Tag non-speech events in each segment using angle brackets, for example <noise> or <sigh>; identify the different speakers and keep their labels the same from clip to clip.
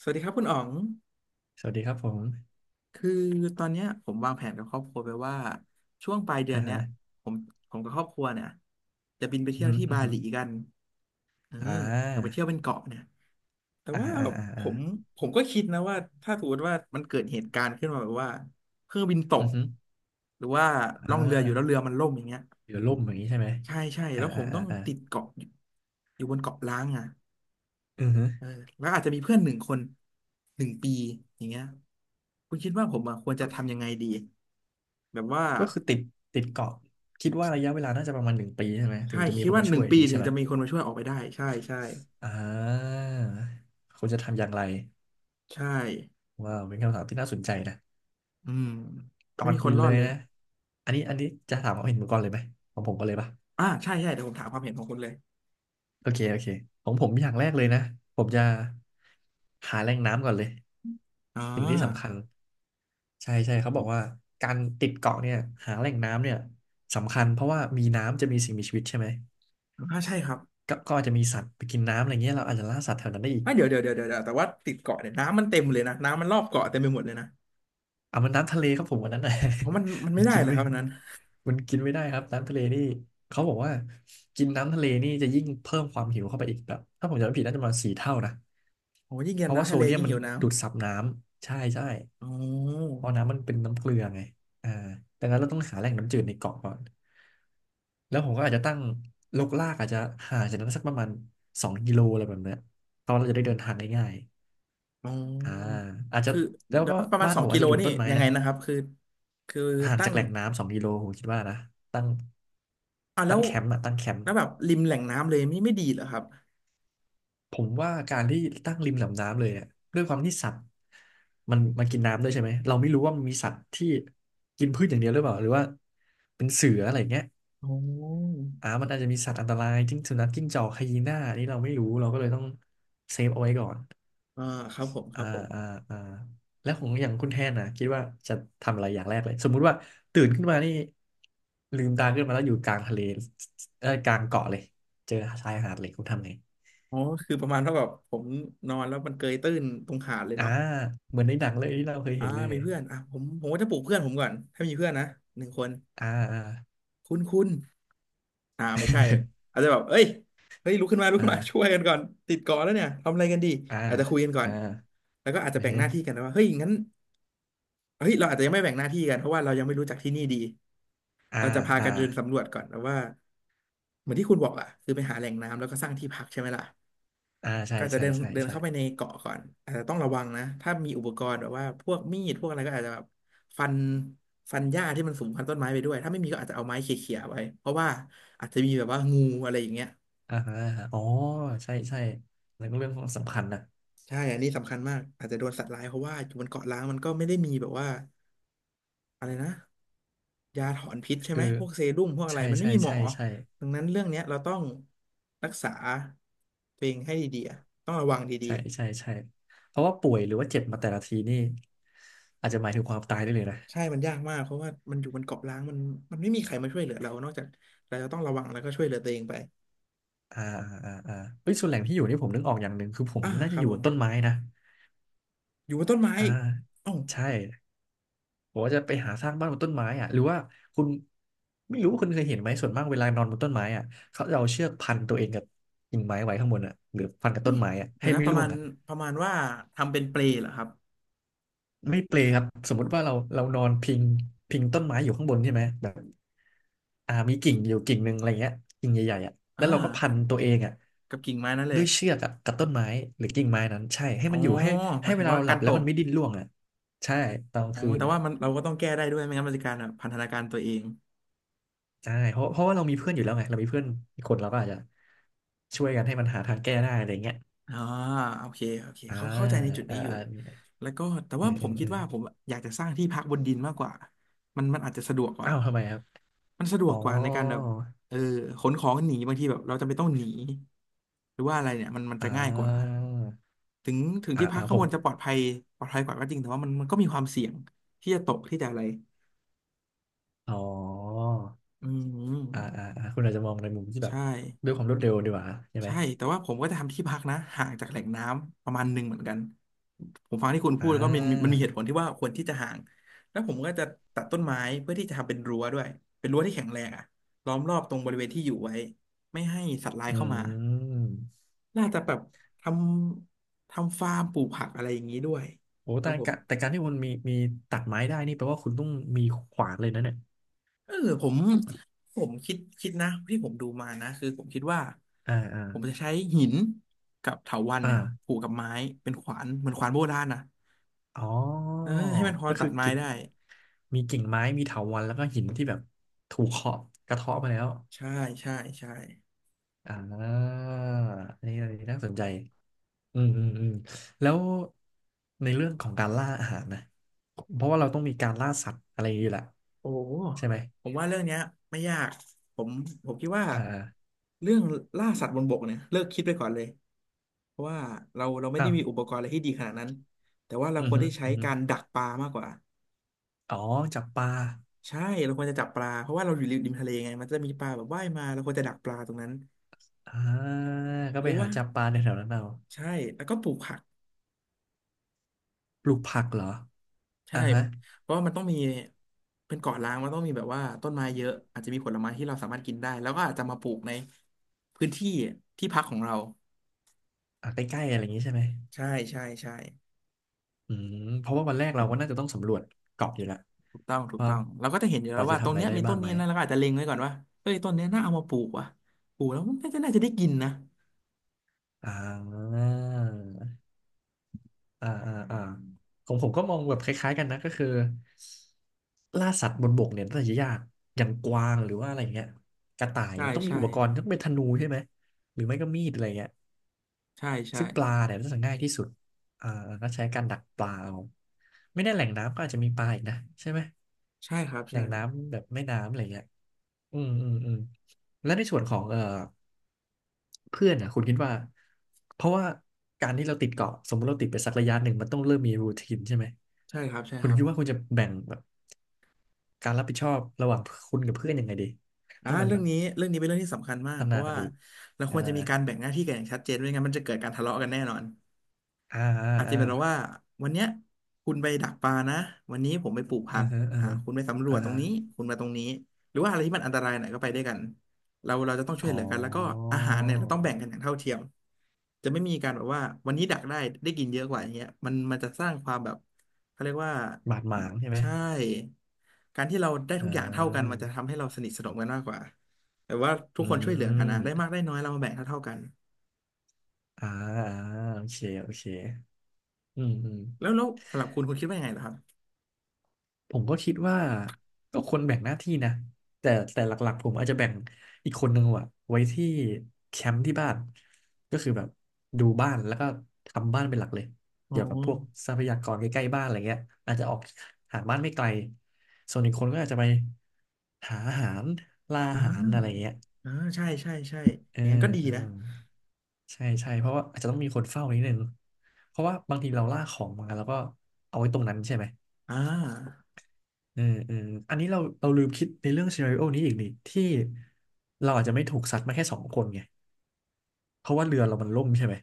Speaker 1: สวัสดีครับคุณอ๋อง
Speaker 2: สวัสดีครับผม
Speaker 1: คือตอนเนี้ยผมวางแผนกับครอบครัวไปว่าช่วงปลายเดือ
Speaker 2: อ่า
Speaker 1: นเนี้
Speaker 2: ฮะ
Speaker 1: ยผมผมกับครอบครัวเนี่ยจะบินไป
Speaker 2: อื
Speaker 1: เที่ยว
Speaker 2: ม
Speaker 1: ที่
Speaker 2: อ
Speaker 1: บา
Speaker 2: หื
Speaker 1: ห
Speaker 2: ม
Speaker 1: ลีกันเออ
Speaker 2: ออ่
Speaker 1: อยากไป
Speaker 2: า
Speaker 1: เที่ยวเป็นเกาะเนี่ยแต่
Speaker 2: อ่า
Speaker 1: ว่า
Speaker 2: อ่าอ่า
Speaker 1: ผ
Speaker 2: อ่า
Speaker 1: มผมก็คิดนะว่าถ้าสมมติว่ามันเกิดเหตุการณ์ขึ้นมาแบบว่าเครื่องบินต
Speaker 2: อื
Speaker 1: ก
Speaker 2: มอหือ
Speaker 1: หรือว่า
Speaker 2: อ่
Speaker 1: ล่องเรืออยู่แล้วเรื
Speaker 2: า
Speaker 1: อมันล่มอย่างเงี้ย
Speaker 2: เดี๋ยวล่มอย่างนี้ใช่ไหม
Speaker 1: ใช่ใช่
Speaker 2: อ่า
Speaker 1: แล้วผ
Speaker 2: อ่า
Speaker 1: มต้
Speaker 2: อ่า
Speaker 1: อง
Speaker 2: อ่า
Speaker 1: ติดเกาะอยู่อยู่บนเกาะล้างอ่ะ
Speaker 2: อื
Speaker 1: เออ
Speaker 2: ม
Speaker 1: แล้วอาจจะมีเพื่อนหนึ่งคนหนึ่งปีอย่างเงี้ยคุณคิดว่าผมอะควรจะ
Speaker 2: ก็
Speaker 1: ทำยังไงดีแบบว่า
Speaker 2: ก็คือติดเกาะคิดว่าระยะเวลาน่าจะประมาณ1 ปีใช่ไหมถึ
Speaker 1: ใช่
Speaker 2: งจะมี
Speaker 1: คิด
Speaker 2: คน
Speaker 1: ว่า
Speaker 2: มา
Speaker 1: ห
Speaker 2: ช่
Speaker 1: นึ่
Speaker 2: ว
Speaker 1: ง
Speaker 2: ยอย่า
Speaker 1: ปี
Speaker 2: งนี้
Speaker 1: ถึ
Speaker 2: ใช่
Speaker 1: ง
Speaker 2: ไหม
Speaker 1: จะมีคนมาช่วยออกไปได้ใช่ใช่
Speaker 2: อ่าคุณจะทำอย่างไร
Speaker 1: ใช่
Speaker 2: ว้าวเป็นคำถามที่น่าสนใจนะ
Speaker 1: อืม
Speaker 2: ก่อ
Speaker 1: ไม่
Speaker 2: น
Speaker 1: มีคน
Speaker 2: อื่น
Speaker 1: รอ
Speaker 2: เล
Speaker 1: ด
Speaker 2: ย
Speaker 1: เลย
Speaker 2: นะอันนี้จะถามความเห็นผมก่อนเลยไหมของผมก็เลยปะ
Speaker 1: อ่าใช่ใช่เดี๋ยวผมถามความเห็นของคุณเลย
Speaker 2: โอเคโอเคของผมอย่างแรกเลยนะผมจะหาแหล่งน้ำก่อนเลย
Speaker 1: อ่า
Speaker 2: สิ่งที่สำคัญ ใช่ใช่เขาบอกว่าการติดเกาะเนี่ยหาแหล่งน้ำเนี่ยสำคัญเพราะว่ามีน้ำจะมีสิ่งมีชีวิตใช่ไหม
Speaker 1: อ่าใช่ครับ
Speaker 2: ก็อาจจะมีสัตว์ไปกินน้ำอะไรเงี้ยเราอาจจะล่าสัตว์แถวนั้นได้อีก
Speaker 1: อ่าเดี๋ยวเดี๋ยวเดี๋ยวเดี๋ยวแต่ว่าติดเกาะเนี่ยน้ำมันเต็มเลยนะน้ำมันรอบเกาะเต็มไปหมดเลยนะ
Speaker 2: เอามันน้ำทะเลครับผมวันนั้นนะ
Speaker 1: เพราะมัน
Speaker 2: <laughs> มั
Speaker 1: ไม่
Speaker 2: น
Speaker 1: ได้
Speaker 2: กิน
Speaker 1: เลย
Speaker 2: ไม่
Speaker 1: ครับอันนั้น
Speaker 2: มันกินไม่ได้ครับน้ำทะเลนี่เขาบอกว่ากินน้ำทะเลนี่จะยิ่งเพิ่มความหิวเข้าไปอีกแบบถ้าผมจำไม่ผิดน่าจะประมาณ4 เท่านะ
Speaker 1: โอ้ยิ่งเย็
Speaker 2: เพ
Speaker 1: น
Speaker 2: ราะว่า
Speaker 1: น้ำ
Speaker 2: โซ
Speaker 1: ทะเล
Speaker 2: เดียม
Speaker 1: ยิ่ง
Speaker 2: มัน
Speaker 1: หิวน้ำ
Speaker 2: ดูดซับน้ำใช่ใช่
Speaker 1: โอ๋
Speaker 2: เพราะน้ำมันเป็นน้ำเกลือไงอ่าดังนั้นเราต้องหาแหล่งน้ำจืดในเกาะก่อนแล้วผมก็อาจจะตั้งลกลากอาจจะห่างจากนั้นสักประมาณสองกิโลอะไรแบบเนี้ยเพราะเราจะได้เดินทางได้ง่าย
Speaker 1: อ๋
Speaker 2: อ่า
Speaker 1: อ
Speaker 2: อาจจะ
Speaker 1: คือ
Speaker 2: แล้ว
Speaker 1: เดี๋ยว
Speaker 2: ก็
Speaker 1: นะประมาณ
Speaker 2: บ้าน
Speaker 1: สอ
Speaker 2: ผ
Speaker 1: ง
Speaker 2: ม
Speaker 1: กิ
Speaker 2: อาจ
Speaker 1: โล
Speaker 2: จะอยู่
Speaker 1: นี่
Speaker 2: ต้นไม้
Speaker 1: ยังไง
Speaker 2: นะ
Speaker 1: นะครับคือ
Speaker 2: ห่าง
Speaker 1: ตั้
Speaker 2: จา
Speaker 1: ง
Speaker 2: กแหล่งน้ำสองกิโลผมคิดว่านะตั้ง
Speaker 1: อ่ะแล้
Speaker 2: ตั้ง
Speaker 1: ว
Speaker 2: แคมป์อะตั้งแคมป์
Speaker 1: แล้วแบบริมแหล่งน้ำเลยไม่ไม่ดีเหรอครับ
Speaker 2: ผมว่าการที่ตั้งริมลำน้ำเลยเนี่ยด้วยความที่สัตว์มันกินน้ำด้วยใช่ไหมเราไม่รู้ว่ามันมีสัตว์ที่กินพืชอย่างเดียวหรือเปล่าหรือว่าเป็นเสืออะไรอย่างเงี้ย
Speaker 1: อ๋อ
Speaker 2: อ่ามันอาจจะมีสัตว์อันตรายจิ้งสุนัขจิ้งจอกไฮยีน่าอันนี้เราไม่รู้เราก็เลยต้องเซฟเอาไว้ก่อน
Speaker 1: อ่าครับผมครั
Speaker 2: อ่า
Speaker 1: บผม
Speaker 2: อ่าอ่าแล้วของอย่างคุณแทนนะคิดว่าจะทำอะไรอย่างแรกเลยสมมุติว่าตื่นขึ้นมานี่ลืมตาขึ้นมาแล้วอยู่กลางทะเลเอ้ยกลางเกาะเลยเจอชายหาดเลยคุณทำไง
Speaker 1: อ๋อคือประมาณว่าแบบผมนอนแล้วมันเกยตื้นตรงหาดเลย
Speaker 2: อ่า
Speaker 1: เนาะ
Speaker 2: เหมือนในหนังเลยที่เราเคย
Speaker 1: อ่า
Speaker 2: เห็นเล
Speaker 1: มี
Speaker 2: ย
Speaker 1: เพื่อนอ่ะผมก็จะปลุกเพื่อนผมก่อนถ้ามีเพื่อนนะหนึ่งคน
Speaker 2: อ่า
Speaker 1: คุณคุณอ่าไม่ใช่อาจจะแบบเอ้ยเฮ้ยลุกขึ้นมาลุกขึ้นมาช่ว
Speaker 2: อ่า
Speaker 1: ยกันก่อนติดเกาะแล้วเนี่ยทำอะไรกันดี
Speaker 2: อ่า
Speaker 1: อาจจะคุยกันก่อ
Speaker 2: อ่า
Speaker 1: น
Speaker 2: อ่า
Speaker 1: แล้วก็อาจจะแบ่
Speaker 2: เฮ
Speaker 1: งหน้าที่
Speaker 2: ้
Speaker 1: กันนะว่าเฮ้ยงั้น เฮ้ยเราอาจจะยังไม่แบ่งหน้าที่กันเพราะว่าเรายังไม่รู้จักที่นี่ดี
Speaker 2: อ่า
Speaker 1: เราจะพา
Speaker 2: อ่า
Speaker 1: กันเดินสำรวจก่อนแล้วว่าเหมือนที่คุณบอกอะคือไปหาแหล่งน้ำแล้วก็สร้างที่พักใช่ไหมล่ะ
Speaker 2: อ่าใช่
Speaker 1: ก็จะ
Speaker 2: ใช่
Speaker 1: เดิน
Speaker 2: ใช่
Speaker 1: เดิน
Speaker 2: ใช่
Speaker 1: เข้าไปในเกาะก่อนอาจจะต้องระวังนะถ้ามีอุปกรณ์แบบว่าพวกมีดพวกอะไรก็อาจจะแบบฟันฟันหญ้าที่มันสูงพันต้นไม้ไปด้วยถ้าไม่มีก็อาจจะเอาไม้เขี่ยๆไว้เพราะว่าอาจจะมีแบบว่างูอะไรอย่างเงี้ย
Speaker 2: อ่าฮะอ๋อใช่ใช่แล้วก็เรื่องของสำคัญนะ
Speaker 1: ใช่อันนี้สำคัญมากอาจจะโดนสัตว์ร้ายเพราะว่าอยู่บนเกาะล้างมันก็ไม่ได้มีแบบว่าอะไรนะ ยาถอนพิษใช่ไห
Speaker 2: คื
Speaker 1: ม
Speaker 2: อ
Speaker 1: พวกเซรุ่มพวกอะไร
Speaker 2: ใช่
Speaker 1: มันไม่
Speaker 2: ใช่
Speaker 1: มีหมอ
Speaker 2: ใช่ใช่
Speaker 1: ดังนั้นเรื่องเนี้ยเราต้องรักษาตัวเองให้ดีๆอะต้องระวังดี
Speaker 2: ใช่
Speaker 1: ๆ
Speaker 2: ใช่ใช่เพราะว่าป่วยหรือว่าเจ็บมาแต่ละทีนี่อาจจะหมายถึงความตายได้เลยนะ
Speaker 1: ใช่ มันยากมากเพราะว่ามันอยู่บนเกาะล้างมันไม่มีใครมาช่วยเหลือเรานอกจากเราจะต้องระวังแล้วก็ช่วยเหลือตัวเองไป
Speaker 2: อ่าอ่าอ่าเฮ้ยส่วนแหล่งที่อยู่นี่ผมนึกออกอย่างหนึ่งคือผม
Speaker 1: อ่า
Speaker 2: น่า
Speaker 1: ค
Speaker 2: จะ
Speaker 1: รั
Speaker 2: อ
Speaker 1: บ
Speaker 2: ยู่
Speaker 1: ผ
Speaker 2: บน
Speaker 1: ม
Speaker 2: ต้นไม้นะ
Speaker 1: อยู่บนต้นไม้
Speaker 2: อ่า
Speaker 1: เอ้า
Speaker 2: ใช่ บอกว่าจะไปหาสร้างบ้านบนต้นไม้อ่ะหรือว่าคุณไม่รู้ว่าคุณเคยเห็นไหมส่วนมากเวลานอนบนต้นไม้อ่ะเขาจะเอาเชือกพันตัวเองกับกิ่งไม้ไว้ข้างบนอ่ะหรือพันกับต้นไม้อ่ะ
Speaker 1: เดี๋
Speaker 2: ให้
Speaker 1: ยวนะ
Speaker 2: ไม่
Speaker 1: ประ
Speaker 2: ร่ว
Speaker 1: มา
Speaker 2: ง
Speaker 1: ณ
Speaker 2: อ่ะ
Speaker 1: ประมาณว่าทำเป็นเปลเหรอครับ
Speaker 2: ไม่เปลครับสมมุติว่าเรานอนพิงต้นไม้อยู่ข้างบนใช่ไหมแบบอ่ามีกิ่งอยู่กิ่งหนึ่งอะไรเงี้ยกิ่งใหญ่ๆอ่ะแล้
Speaker 1: อ่า
Speaker 2: วเราก็พันตัวเองอ่ะ
Speaker 1: กับกิ่งไม้นั่นเล
Speaker 2: ด้ว
Speaker 1: ย
Speaker 2: ยเชือกอ่ะกับต้นไม้หรือกิ่งไม้นั้นใช่ให้
Speaker 1: อ๋อ
Speaker 2: มันอยู่ให้
Speaker 1: หมา
Speaker 2: ให้
Speaker 1: ย
Speaker 2: เว
Speaker 1: ถึง
Speaker 2: ลา
Speaker 1: ว่า
Speaker 2: เราห
Speaker 1: กา
Speaker 2: ลั
Speaker 1: ร
Speaker 2: บ
Speaker 1: ต
Speaker 2: แล้ว
Speaker 1: ก
Speaker 2: มันไม่ดิ้นร่วงอ่ะใช่ตอนกลาง
Speaker 1: อ๋อ
Speaker 2: คืน
Speaker 1: แต่ว่ามันเราก็ต้องแก้ได้ด้วยไม่งั้นมันจะการแบบพันธนาการตัวเอง
Speaker 2: ใช่เพราะว่าเรามีเพื่อนอยู่แล้วไงเรามีเพื่อนอีกคนเราก็อาจจะช่วยกันให้มันหาทางแก้ได้อะไรเงี้ย
Speaker 1: อ่าโอเคโอเค
Speaker 2: อ่า
Speaker 1: เขาเข้าใจในจุด
Speaker 2: อ่า
Speaker 1: นี้อยู่
Speaker 2: อ่ามี
Speaker 1: แล้วก็แต่
Speaker 2: เออ
Speaker 1: ว่าผ
Speaker 2: เออ
Speaker 1: มคิ
Speaker 2: เอ
Speaker 1: ด
Speaker 2: อ
Speaker 1: ว่าผมอยากจะสร้างที่พักบนดินมากกว่ามันมันอาจจะสะดวกกว่า
Speaker 2: อ้าวทำไมครับ
Speaker 1: มันสะดว
Speaker 2: อ๋
Speaker 1: ก
Speaker 2: อ
Speaker 1: กว่าในการแบบเออขนของหนีบางทีแบบเราจำเป็นต้องหนีหรือว่าอะไรเนี่ยมันมัน
Speaker 2: อ่
Speaker 1: จะง่ายกว่า
Speaker 2: า
Speaker 1: ถึงถึง
Speaker 2: อ่า
Speaker 1: ที่พัก
Speaker 2: อ่า
Speaker 1: ข้า
Speaker 2: ผ
Speaker 1: งบ
Speaker 2: ม
Speaker 1: นจะปลอดภัยปลอดภัยกว่าก็จริงแต่ว่ามันมันก็มีความเสี่ยงที่จะตกที่จะอะไร
Speaker 2: อ๋อ
Speaker 1: อืม
Speaker 2: อ่าอ่าอ่าคุณอาจจะมองในมุมที่แบบ
Speaker 1: ใช่
Speaker 2: ด้วยความรวดเร็วดีกว่าใช่ไหม
Speaker 1: ใช่แต่ว่าผมก็จะทำที่พักนะห่างจากแหล่งน้ำประมาณหนึ่งเหมือนกันผมฟังที่คุณพู
Speaker 2: อ่
Speaker 1: ดแล้วก็มันมัน
Speaker 2: า
Speaker 1: มีเหตุผลที่ว่าควรที่จะห่างแล้วผมก็จะตัดต้นไม้เพื่อที่จะทำเป็นรั้วด้วยเป็นรั้วที่แข็งแรงอะล้อมรอบตรงบริเวณที่อยู่ไว้ไม่ให้สัตว์ร้าย
Speaker 2: อื
Speaker 1: เข้ามา
Speaker 2: ม
Speaker 1: น่าจะแบบททำฟาร์มปลูกผักอะไรอย่างนี้ด้วย
Speaker 2: โอ้
Speaker 1: ค
Speaker 2: แต่
Speaker 1: รับผม
Speaker 2: การแต่การที่คุณมีตัดไม้ได้นี่แปลว่าคุณต้องมีขวานเลยนะเนี่ย
Speaker 1: เออผมผมคิดนะที่ผมดูมานะคือผมคิดว่า
Speaker 2: อ่าอ่า
Speaker 1: ผมจะใช้หินกับเถาวัลย์เนี่ย
Speaker 2: อ่า
Speaker 1: ผูกกับไม้เป็นขวานเหมือนขวานโบราณนะ
Speaker 2: อ๋อ
Speaker 1: เออให้มันพอ
Speaker 2: ก็
Speaker 1: ตั
Speaker 2: คือ
Speaker 1: ดไม้
Speaker 2: กิ่ง
Speaker 1: ได้
Speaker 2: มีกิ่งไม้ มีเถาวัลย์แล้วก็หินที่แบบถูกเคาะกระเทาะมาแล้ว
Speaker 1: ใช่ใช่ใช่
Speaker 2: อ่าอันนี้อันนี้น่าสนใจ อืมอืมอืมแล้วในเรื่องของการล่าอาหารนะ เพราะว่าเราต้องมีการล่าสัตว์อะไรอย่างนี้แหละ
Speaker 1: โอ้โห
Speaker 2: ใช่ไหม
Speaker 1: ผมว่าเรื่องเนี้ยไม่ยากผมผมคิดว่า
Speaker 2: อ่า
Speaker 1: เรื่องล่าสัตว์บนบกเนี่ยเลิกคิดไปก่อนเลยเพราะว่าเราไม่
Speaker 2: อ้า
Speaker 1: ได้
Speaker 2: ว
Speaker 1: มีอุปกรณ์อะไรที่ดีขนาดนั้นแต่ว่าเรา
Speaker 2: อือ
Speaker 1: ควร
Speaker 2: ฮึ
Speaker 1: ที่ใช้
Speaker 2: อือฮึ
Speaker 1: การดักปลามากกว่า
Speaker 2: อ๋อจับปลา
Speaker 1: ใช่เราควรจะจับปลาเพราะว่าเราอยู่ริมทะเลไงมันจะมีปลาแบบว่ายมาเราควรจะดักปลาตรงนั้น
Speaker 2: อ่าก็
Speaker 1: ห
Speaker 2: ไป
Speaker 1: รือ
Speaker 2: หา
Speaker 1: ว่า
Speaker 2: จับปลาในแถวนั้นเอา
Speaker 1: ใช่แล้วก็ปลูกผัก
Speaker 2: ปลูกผักเหรอ
Speaker 1: ใช่
Speaker 2: อ่าฮะ
Speaker 1: เพราะว่ามันต้องมีเป็นเกาะล้างมันต้องมีแบบว่าต้นไม้เยอะอาจจะมีผลไม้ที่เราสามารถกินได้แล้วก็อาจจะมาปลูกในพื้นที่ที่พักของเรา
Speaker 2: อ่าใกล้ๆอะไรอย่างนี้ใช่ไหม
Speaker 1: ใช่ใช่ใช่
Speaker 2: อืมเพราะว่าวันแรกเราก็น่าจะต้องสำรวจเกาะอยู่แหละว
Speaker 1: ถูกต้องถูก
Speaker 2: ว่า
Speaker 1: ต้องเราก็จะเห็นอยู่
Speaker 2: พ
Speaker 1: แล้
Speaker 2: อ
Speaker 1: ว
Speaker 2: จะ
Speaker 1: ว่าตร
Speaker 2: ทำ
Speaker 1: ง
Speaker 2: อะไร
Speaker 1: เนี้ย
Speaker 2: ได้
Speaker 1: มี
Speaker 2: บ้า
Speaker 1: ต้
Speaker 2: ง
Speaker 1: น
Speaker 2: ไห
Speaker 1: นี้
Speaker 2: ม
Speaker 1: นะเราก็อาจจะเล็งไว้ก่อนว่าเอ้ยต้นเนี้ยน่าเอามาปลูกว่ะปลูกแล้วมันก็น่าจะได้กินนะ
Speaker 2: อ่าอ่าอ่าอ่าของผมก็มองแบบคล้ายๆกันนะก็คือล่าสัตว์บนบกเนี่ยน่าจะยากอย่างกวางหรือว่าอะไรอย่างเงี้ยกระต่าย
Speaker 1: ใช่
Speaker 2: มันต้องมี
Speaker 1: ใช่
Speaker 2: อุปกรณ์ต้องเป็นธนูใช่ไหมหรือไม่ก็มีดอะไรเงี้ย
Speaker 1: ใช่ใช่
Speaker 2: ซึ่งปลาเนี่ยน่าจะง่ายที่สุดอ่าก็ใช้การดักปลาเอาไม่แน่แหล่งน้ำก็อาจจะมีปลาอีกนะใช่ไหม
Speaker 1: ใช่ครับ
Speaker 2: แหล่
Speaker 1: ใช่
Speaker 2: งน้ำแบบแม่น้ำอะไรเงี้ย อืมอืมอืมและในส่วนของเพื่อนอ่ะคุณคิดว่าเพราะว่าการที่เราติดเกาะสมมติเราติดไปสักระยะหนึ่งมันต้องเริ่มมีรูทีนใช่ไหม
Speaker 1: ใช่ครับใช่
Speaker 2: คุ
Speaker 1: ค
Speaker 2: ณ
Speaker 1: รับ
Speaker 2: คิดว่าคุณจะแบ่งแบบการรับผิดชอบระหว่างคุณกับเพื่อนยังไงดีให้มัน
Speaker 1: เรื่
Speaker 2: แบ
Speaker 1: อง
Speaker 2: บ
Speaker 1: นี้เรื่องนี้เป็นเรื่องที่สำคัญมาก
Speaker 2: พัฒ
Speaker 1: เพ
Speaker 2: นา
Speaker 1: ราะ
Speaker 2: กั
Speaker 1: ว่า
Speaker 2: นดี
Speaker 1: เราค
Speaker 2: อ่า
Speaker 1: วรจะมีการแบ่งหน้าที่กันอย่างชัดเจนไม่งั้นมันจะเกิดการทะเลาะกันแน่นอน
Speaker 2: อ่าอ่า
Speaker 1: อาจจะ
Speaker 2: อ่า
Speaker 1: เป็นเราว่าวันเนี้ยคุณไปดักปลานะวันนี้ผมไปปลูกผั
Speaker 2: อ่า
Speaker 1: ก
Speaker 2: อ่าฮะ
Speaker 1: คุณไปสำร
Speaker 2: อ่า
Speaker 1: วจตรง
Speaker 2: ฮะ
Speaker 1: นี้คุณมาตรงนี้หรือว่าอะไรที่มันอันตรายหน่อยก็ไปด้วยกันเราจะต้องช่วย
Speaker 2: อ๋อ
Speaker 1: เหลือกันแล้วก็อาหารเนี่ยเราต้องแบ่งกันอย่างเท่าเทียมจะไม่มีการแบบว่าวันนี้ดักได้ได้กินเยอะกว่าอย่างเงี้ยมันจะสร้างความแบบเขาเรียกว่า
Speaker 2: บาดหมางใช่ไหม
Speaker 1: ใช่การที่เราได้
Speaker 2: เ
Speaker 1: ทุกอย่างเท่ากันมั
Speaker 2: ออ
Speaker 1: นจะทำให้เราสนิทสนมกันมากกว่าแต่ว่าทุ
Speaker 2: อื
Speaker 1: กคนช่วยเหลือกันนะได้มา
Speaker 2: ม
Speaker 1: กได้น้อยเรามาแบ่งเท่าเท่ากัน
Speaker 2: อ่าอ่าโอเคโอเคอืมอืม
Speaker 1: แล้วสำหรับคุณคุณคิดว่ายังไงเหรอครับ
Speaker 2: ผมก็คิดว่าก็คนแบ่งหน้าที่นะแต่หลักๆผมอาจจะแบ่งอีกคนหนึ่งอะไว้ที่แคมป์ที่บ้านก็คือแบบดูบ้านแล้วก็ทำบ้านเป็นหลักเลย
Speaker 1: อ๋อ
Speaker 2: เกี่ยวกับพวกทรัพยากรใกล้ๆบ้านอะไรเงี้ยอาจจะออกหาบ้านไม่ไกลส่วนอีกคนก็อาจจะไปหาอาหารล่า
Speaker 1: อ่า
Speaker 2: อาหารอะไรเงี้ย
Speaker 1: อ่าใช่ใช่ใช่
Speaker 2: เอ
Speaker 1: อย่างนั้นก็
Speaker 2: อ
Speaker 1: ดี
Speaker 2: เออ
Speaker 1: นะ
Speaker 2: ใช่ใช่เพราะว่าอาจจะต้องมีคนเฝ้านิดนึงเพราะว่าบางทีเราล่าของมาแล้วก็เอาไว้ตรงนั้นใช่ไหม
Speaker 1: อ่า
Speaker 2: อืมอืมอันนี้เราลืมคิดในเรื่องซีนาริโอนี้อีกนี่ที่เราอาจจะไม่ถูกซัดมาแค่สองคนไงเพราะว่าเรือเรามันล่มใช่ไหม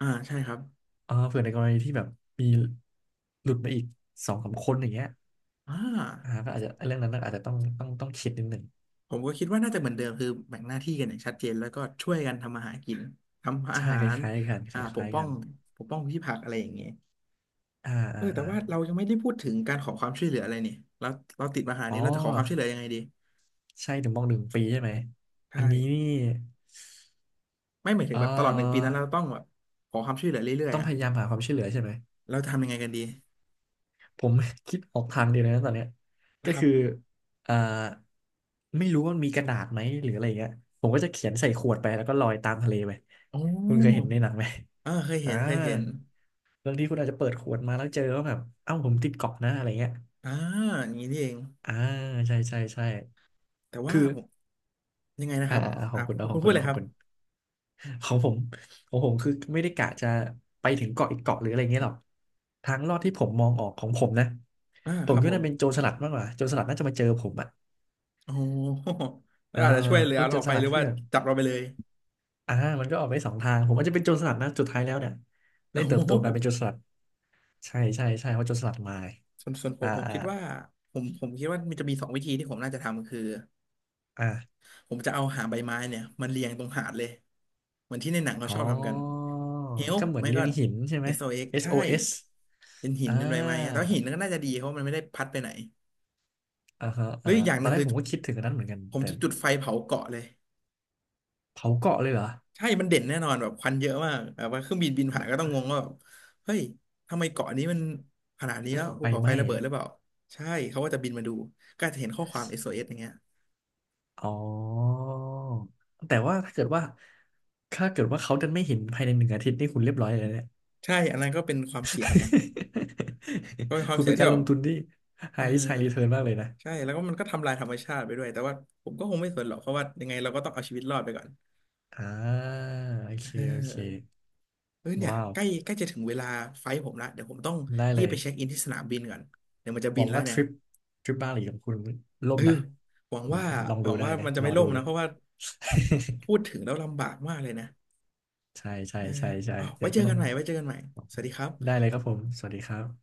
Speaker 1: อ่าใช่ครับ
Speaker 2: อ่าเผื่อในกรณีที่แบบมีหลุดมาอีกสองสามคนอย่างเงี้ย
Speaker 1: อ่า
Speaker 2: อ่าก็อาจจะเรื่องนั้นน่ะอาจจะต้องคิดนิดหนึ่ง
Speaker 1: ผมก็คิดว่าน่าจะเหมือนเดิมคือแบ่งหน้าที่กันอย่างชัดเจนแล้วก็ช่วยกันทำอาหารกินทำอา
Speaker 2: ใช่
Speaker 1: หา
Speaker 2: ค
Speaker 1: ร
Speaker 2: ล้ายๆกันค
Speaker 1: ปก
Speaker 2: ล้าย
Speaker 1: ป้
Speaker 2: ๆ
Speaker 1: อ
Speaker 2: กั
Speaker 1: ง
Speaker 2: น
Speaker 1: ปกป้องพืชผักอะไรอย่างเงี้ย
Speaker 2: อ่า
Speaker 1: เอ
Speaker 2: อ่า
Speaker 1: อแต่
Speaker 2: อา
Speaker 1: ว่าเรายังไม่ได้พูดถึงการขอความช่วยเหลืออะไรเนี่ยเราเราติดปัญหา
Speaker 2: อ๋อ
Speaker 1: นี้เราจะขอความช่วยเหลือยังไงดี
Speaker 2: ใช่ถึงมองหนึ่งปีใช่ไหม
Speaker 1: ใช่
Speaker 2: อันนี้นี่
Speaker 1: ไม่หมายถึงแบ
Speaker 2: เอ่
Speaker 1: บตลอด1 ปี
Speaker 2: อ
Speaker 1: นั้นเราต้องแบบขอความช่วยเหลือเรื่อย
Speaker 2: ต้อ
Speaker 1: ๆ
Speaker 2: งพ
Speaker 1: อ่ะ
Speaker 2: ยายามหาความช่วยเหลือใช่ไหม
Speaker 1: เราจะทำยังไงกันดี
Speaker 2: ผมคิดออกทางเดียวเลยนะตอนเนี้ย
Speaker 1: นะ
Speaker 2: ก็
Speaker 1: ครับ
Speaker 2: คืออ่าไม่รู้ว่ามนมีกระดาษไหมหรืออะไรอย่างเงี้ยผมก็จะเขียนใส่ขวดไปแล้วก็ลอยตามทะเลไป
Speaker 1: อ
Speaker 2: คุณเคยเห็น
Speaker 1: อ
Speaker 2: ในหนังไหม
Speaker 1: เออเคย
Speaker 2: อ่า
Speaker 1: เห็นเคยเห็น
Speaker 2: บางทีคุณอาจจะเปิดขวดมาแล้วเจอว่าแบบเอ้าผมติดเกาะนะอะไรเงี้ย
Speaker 1: อ่าอย่างนี้นี่เอง
Speaker 2: อ่าใช่ใช่ใช่
Speaker 1: แต่ว่า
Speaker 2: คือ
Speaker 1: ผม ยังไงนะ
Speaker 2: อ่า
Speaker 1: ครับ
Speaker 2: อ่าขอ
Speaker 1: อ่ะ
Speaker 2: งคุณเอาข
Speaker 1: คุ
Speaker 2: อง
Speaker 1: ณพู
Speaker 2: คุณ
Speaker 1: ดเล
Speaker 2: เอา
Speaker 1: ย
Speaker 2: ข
Speaker 1: ค
Speaker 2: อง
Speaker 1: รับ
Speaker 2: คุณ <laughs> ของผมของผมคือไม่ได้กะจะไปถึงเกาะอีกเกาะหรืออะไรเงี้ยหรอกทางลอดที่ผมมองออกของผมนะผ
Speaker 1: ค
Speaker 2: ม
Speaker 1: รับ
Speaker 2: คิด
Speaker 1: ผ
Speaker 2: ว่า
Speaker 1: ม
Speaker 2: น่าเป็นโจรสลัดมากกว่าโจรสลัดน่าจะมาเจอผมอะ
Speaker 1: โอ้โหแล้ว
Speaker 2: อ่า
Speaker 1: อาจจะช่วยเหลื
Speaker 2: พ
Speaker 1: อ
Speaker 2: วก
Speaker 1: เรา
Speaker 2: โจ
Speaker 1: อ
Speaker 2: ร
Speaker 1: อก
Speaker 2: ส
Speaker 1: ไป
Speaker 2: ลั
Speaker 1: ห
Speaker 2: ด
Speaker 1: รือ
Speaker 2: ที่
Speaker 1: ว่า
Speaker 2: แบบ
Speaker 1: จับเราไปเลย
Speaker 2: อ่ามันก็ออกไปสองทาง ผมอาจจะเป็นโจรสลัดนะสุดท้ายแล้วเนี่ย
Speaker 1: โอ้
Speaker 2: ได้เติบโตก
Speaker 1: โห
Speaker 2: ลายเป็นโจรสลัด ใช่ใช่ใช่เพราะโจรสลัดมา
Speaker 1: ส่วนส่วนผ
Speaker 2: อ่า
Speaker 1: มผม
Speaker 2: อ่า
Speaker 1: คิดว่าผมคิดว่ามันจะมีสองวิธีที่ผมน่าจะทำคือ
Speaker 2: อ่า
Speaker 1: ผมจะเอาหางใบไม้เนี่ยมันเรียงตรงหาดเลยเหมือนที่ในหนังเขา
Speaker 2: อ๋
Speaker 1: ชอบทำกัน
Speaker 2: อ
Speaker 1: เฮล
Speaker 2: ก็เหมือน
Speaker 1: ไม่
Speaker 2: เลี
Speaker 1: ก็
Speaker 2: ยงหินใช่ไหม
Speaker 1: XOX ใช่
Speaker 2: SOS อสโอเอส
Speaker 1: เป็นหิน
Speaker 2: อ่
Speaker 1: เป็นใบไม้ครับแต่
Speaker 2: า
Speaker 1: ว่าหินนั้นก็น่าจะดีเพราะมันไม่ได้พัดไปไหน
Speaker 2: อ่าฮะ
Speaker 1: หรื
Speaker 2: อ่า
Speaker 1: ออีกอย่าง
Speaker 2: ต
Speaker 1: ห
Speaker 2: อ
Speaker 1: นึ่
Speaker 2: น
Speaker 1: ง
Speaker 2: แร
Speaker 1: คื
Speaker 2: ก
Speaker 1: อ
Speaker 2: ผมก็คิดถึงอันนั้นเหมือนกัน
Speaker 1: ผม
Speaker 2: แต่
Speaker 1: จะจุดไฟเผาเกาะเลย
Speaker 2: เผาเกาะเลยเหรอ
Speaker 1: ใช่มันเด่นแน่นอนแบบควันเยอะมากแบบว่าเครื่องบินบินผ่านก็ต้องงงว่าแบบเฮ้ยทำไมเกาะนี้มันขนาดนี้แล้วภู
Speaker 2: ไฟ
Speaker 1: เขา
Speaker 2: ไห
Speaker 1: ไฟ
Speaker 2: ม้
Speaker 1: ระเบิดหรือเปล่าใช่เขาก็จะบินมาดูก็จะเห็นข้อความเอ o s อเอสอย่างเงี้ย
Speaker 2: อ๋อแต่ว่าถ้าเกิดว่า ถ้าเกิดว่าเขาดันไม่เห็นภายในหนึ่งอาทิตย์นี่คุณเรียบร้อยเลยนะเนี่ย
Speaker 1: ใช่อันนั้นก็เป็นความเสี่ยงไงก็เป็นค
Speaker 2: <laughs>
Speaker 1: วา
Speaker 2: คุ
Speaker 1: ม
Speaker 2: ณ
Speaker 1: เสี่ย
Speaker 2: เป็
Speaker 1: ง
Speaker 2: น
Speaker 1: ที่
Speaker 2: การ
Speaker 1: แบ
Speaker 2: ล
Speaker 1: บ
Speaker 2: งทุนที่
Speaker 1: เออ
Speaker 2: high risk high return มากเลยนะ
Speaker 1: ใช่แล้วก็มันก็ทำลายธรรมชาติไปด้วยแต่ว่าผมก็คงไม่สนหรอกเพราะว่ายังไงเราก็ต้องเอาชีวิตรอดไปก่อน
Speaker 2: อ่าโอ
Speaker 1: เ
Speaker 2: เคโอเค
Speaker 1: ออเอยเนี่ย
Speaker 2: ว้าว
Speaker 1: ใกล้ใกล้จะถึงเวลาไฟล์ผมละเดี๋ยวผมต้อง
Speaker 2: ได้
Speaker 1: รี
Speaker 2: เล
Speaker 1: บ
Speaker 2: ย
Speaker 1: ไปเช็คอินที่สนามบินก่อนเดี๋ยวมันจะ
Speaker 2: ห
Speaker 1: บิ
Speaker 2: วั
Speaker 1: น
Speaker 2: ง
Speaker 1: แล้ว
Speaker 2: ว่าท
Speaker 1: เนี่ย
Speaker 2: ริปทริปบาหลีของคุณล่
Speaker 1: เอ
Speaker 2: ม
Speaker 1: อ
Speaker 2: นะ
Speaker 1: หวัง
Speaker 2: ผม
Speaker 1: ว่า
Speaker 2: ลอง
Speaker 1: ห
Speaker 2: ดู
Speaker 1: วัง
Speaker 2: ได้
Speaker 1: ว่า
Speaker 2: เลย
Speaker 1: มันจะ
Speaker 2: ร
Speaker 1: ไม่
Speaker 2: อ
Speaker 1: ล่
Speaker 2: ดู
Speaker 1: ม
Speaker 2: เล
Speaker 1: นะ
Speaker 2: ย
Speaker 1: เพราะว่า พูดถึงแล้วลำบากมากเลยนะ
Speaker 2: <laughs> ใช่ใช่
Speaker 1: เออ
Speaker 2: ใช่ใช่
Speaker 1: เอา
Speaker 2: อัน
Speaker 1: ไว้
Speaker 2: นี้
Speaker 1: เจอ
Speaker 2: ก็ต้
Speaker 1: กั
Speaker 2: อ
Speaker 1: น
Speaker 2: ง
Speaker 1: ใหม่ไว้เจอกันใหม่
Speaker 2: ลอง
Speaker 1: สวั
Speaker 2: ดู
Speaker 1: สดีครับ
Speaker 2: ได้เลยครับผมสวัสดีครับ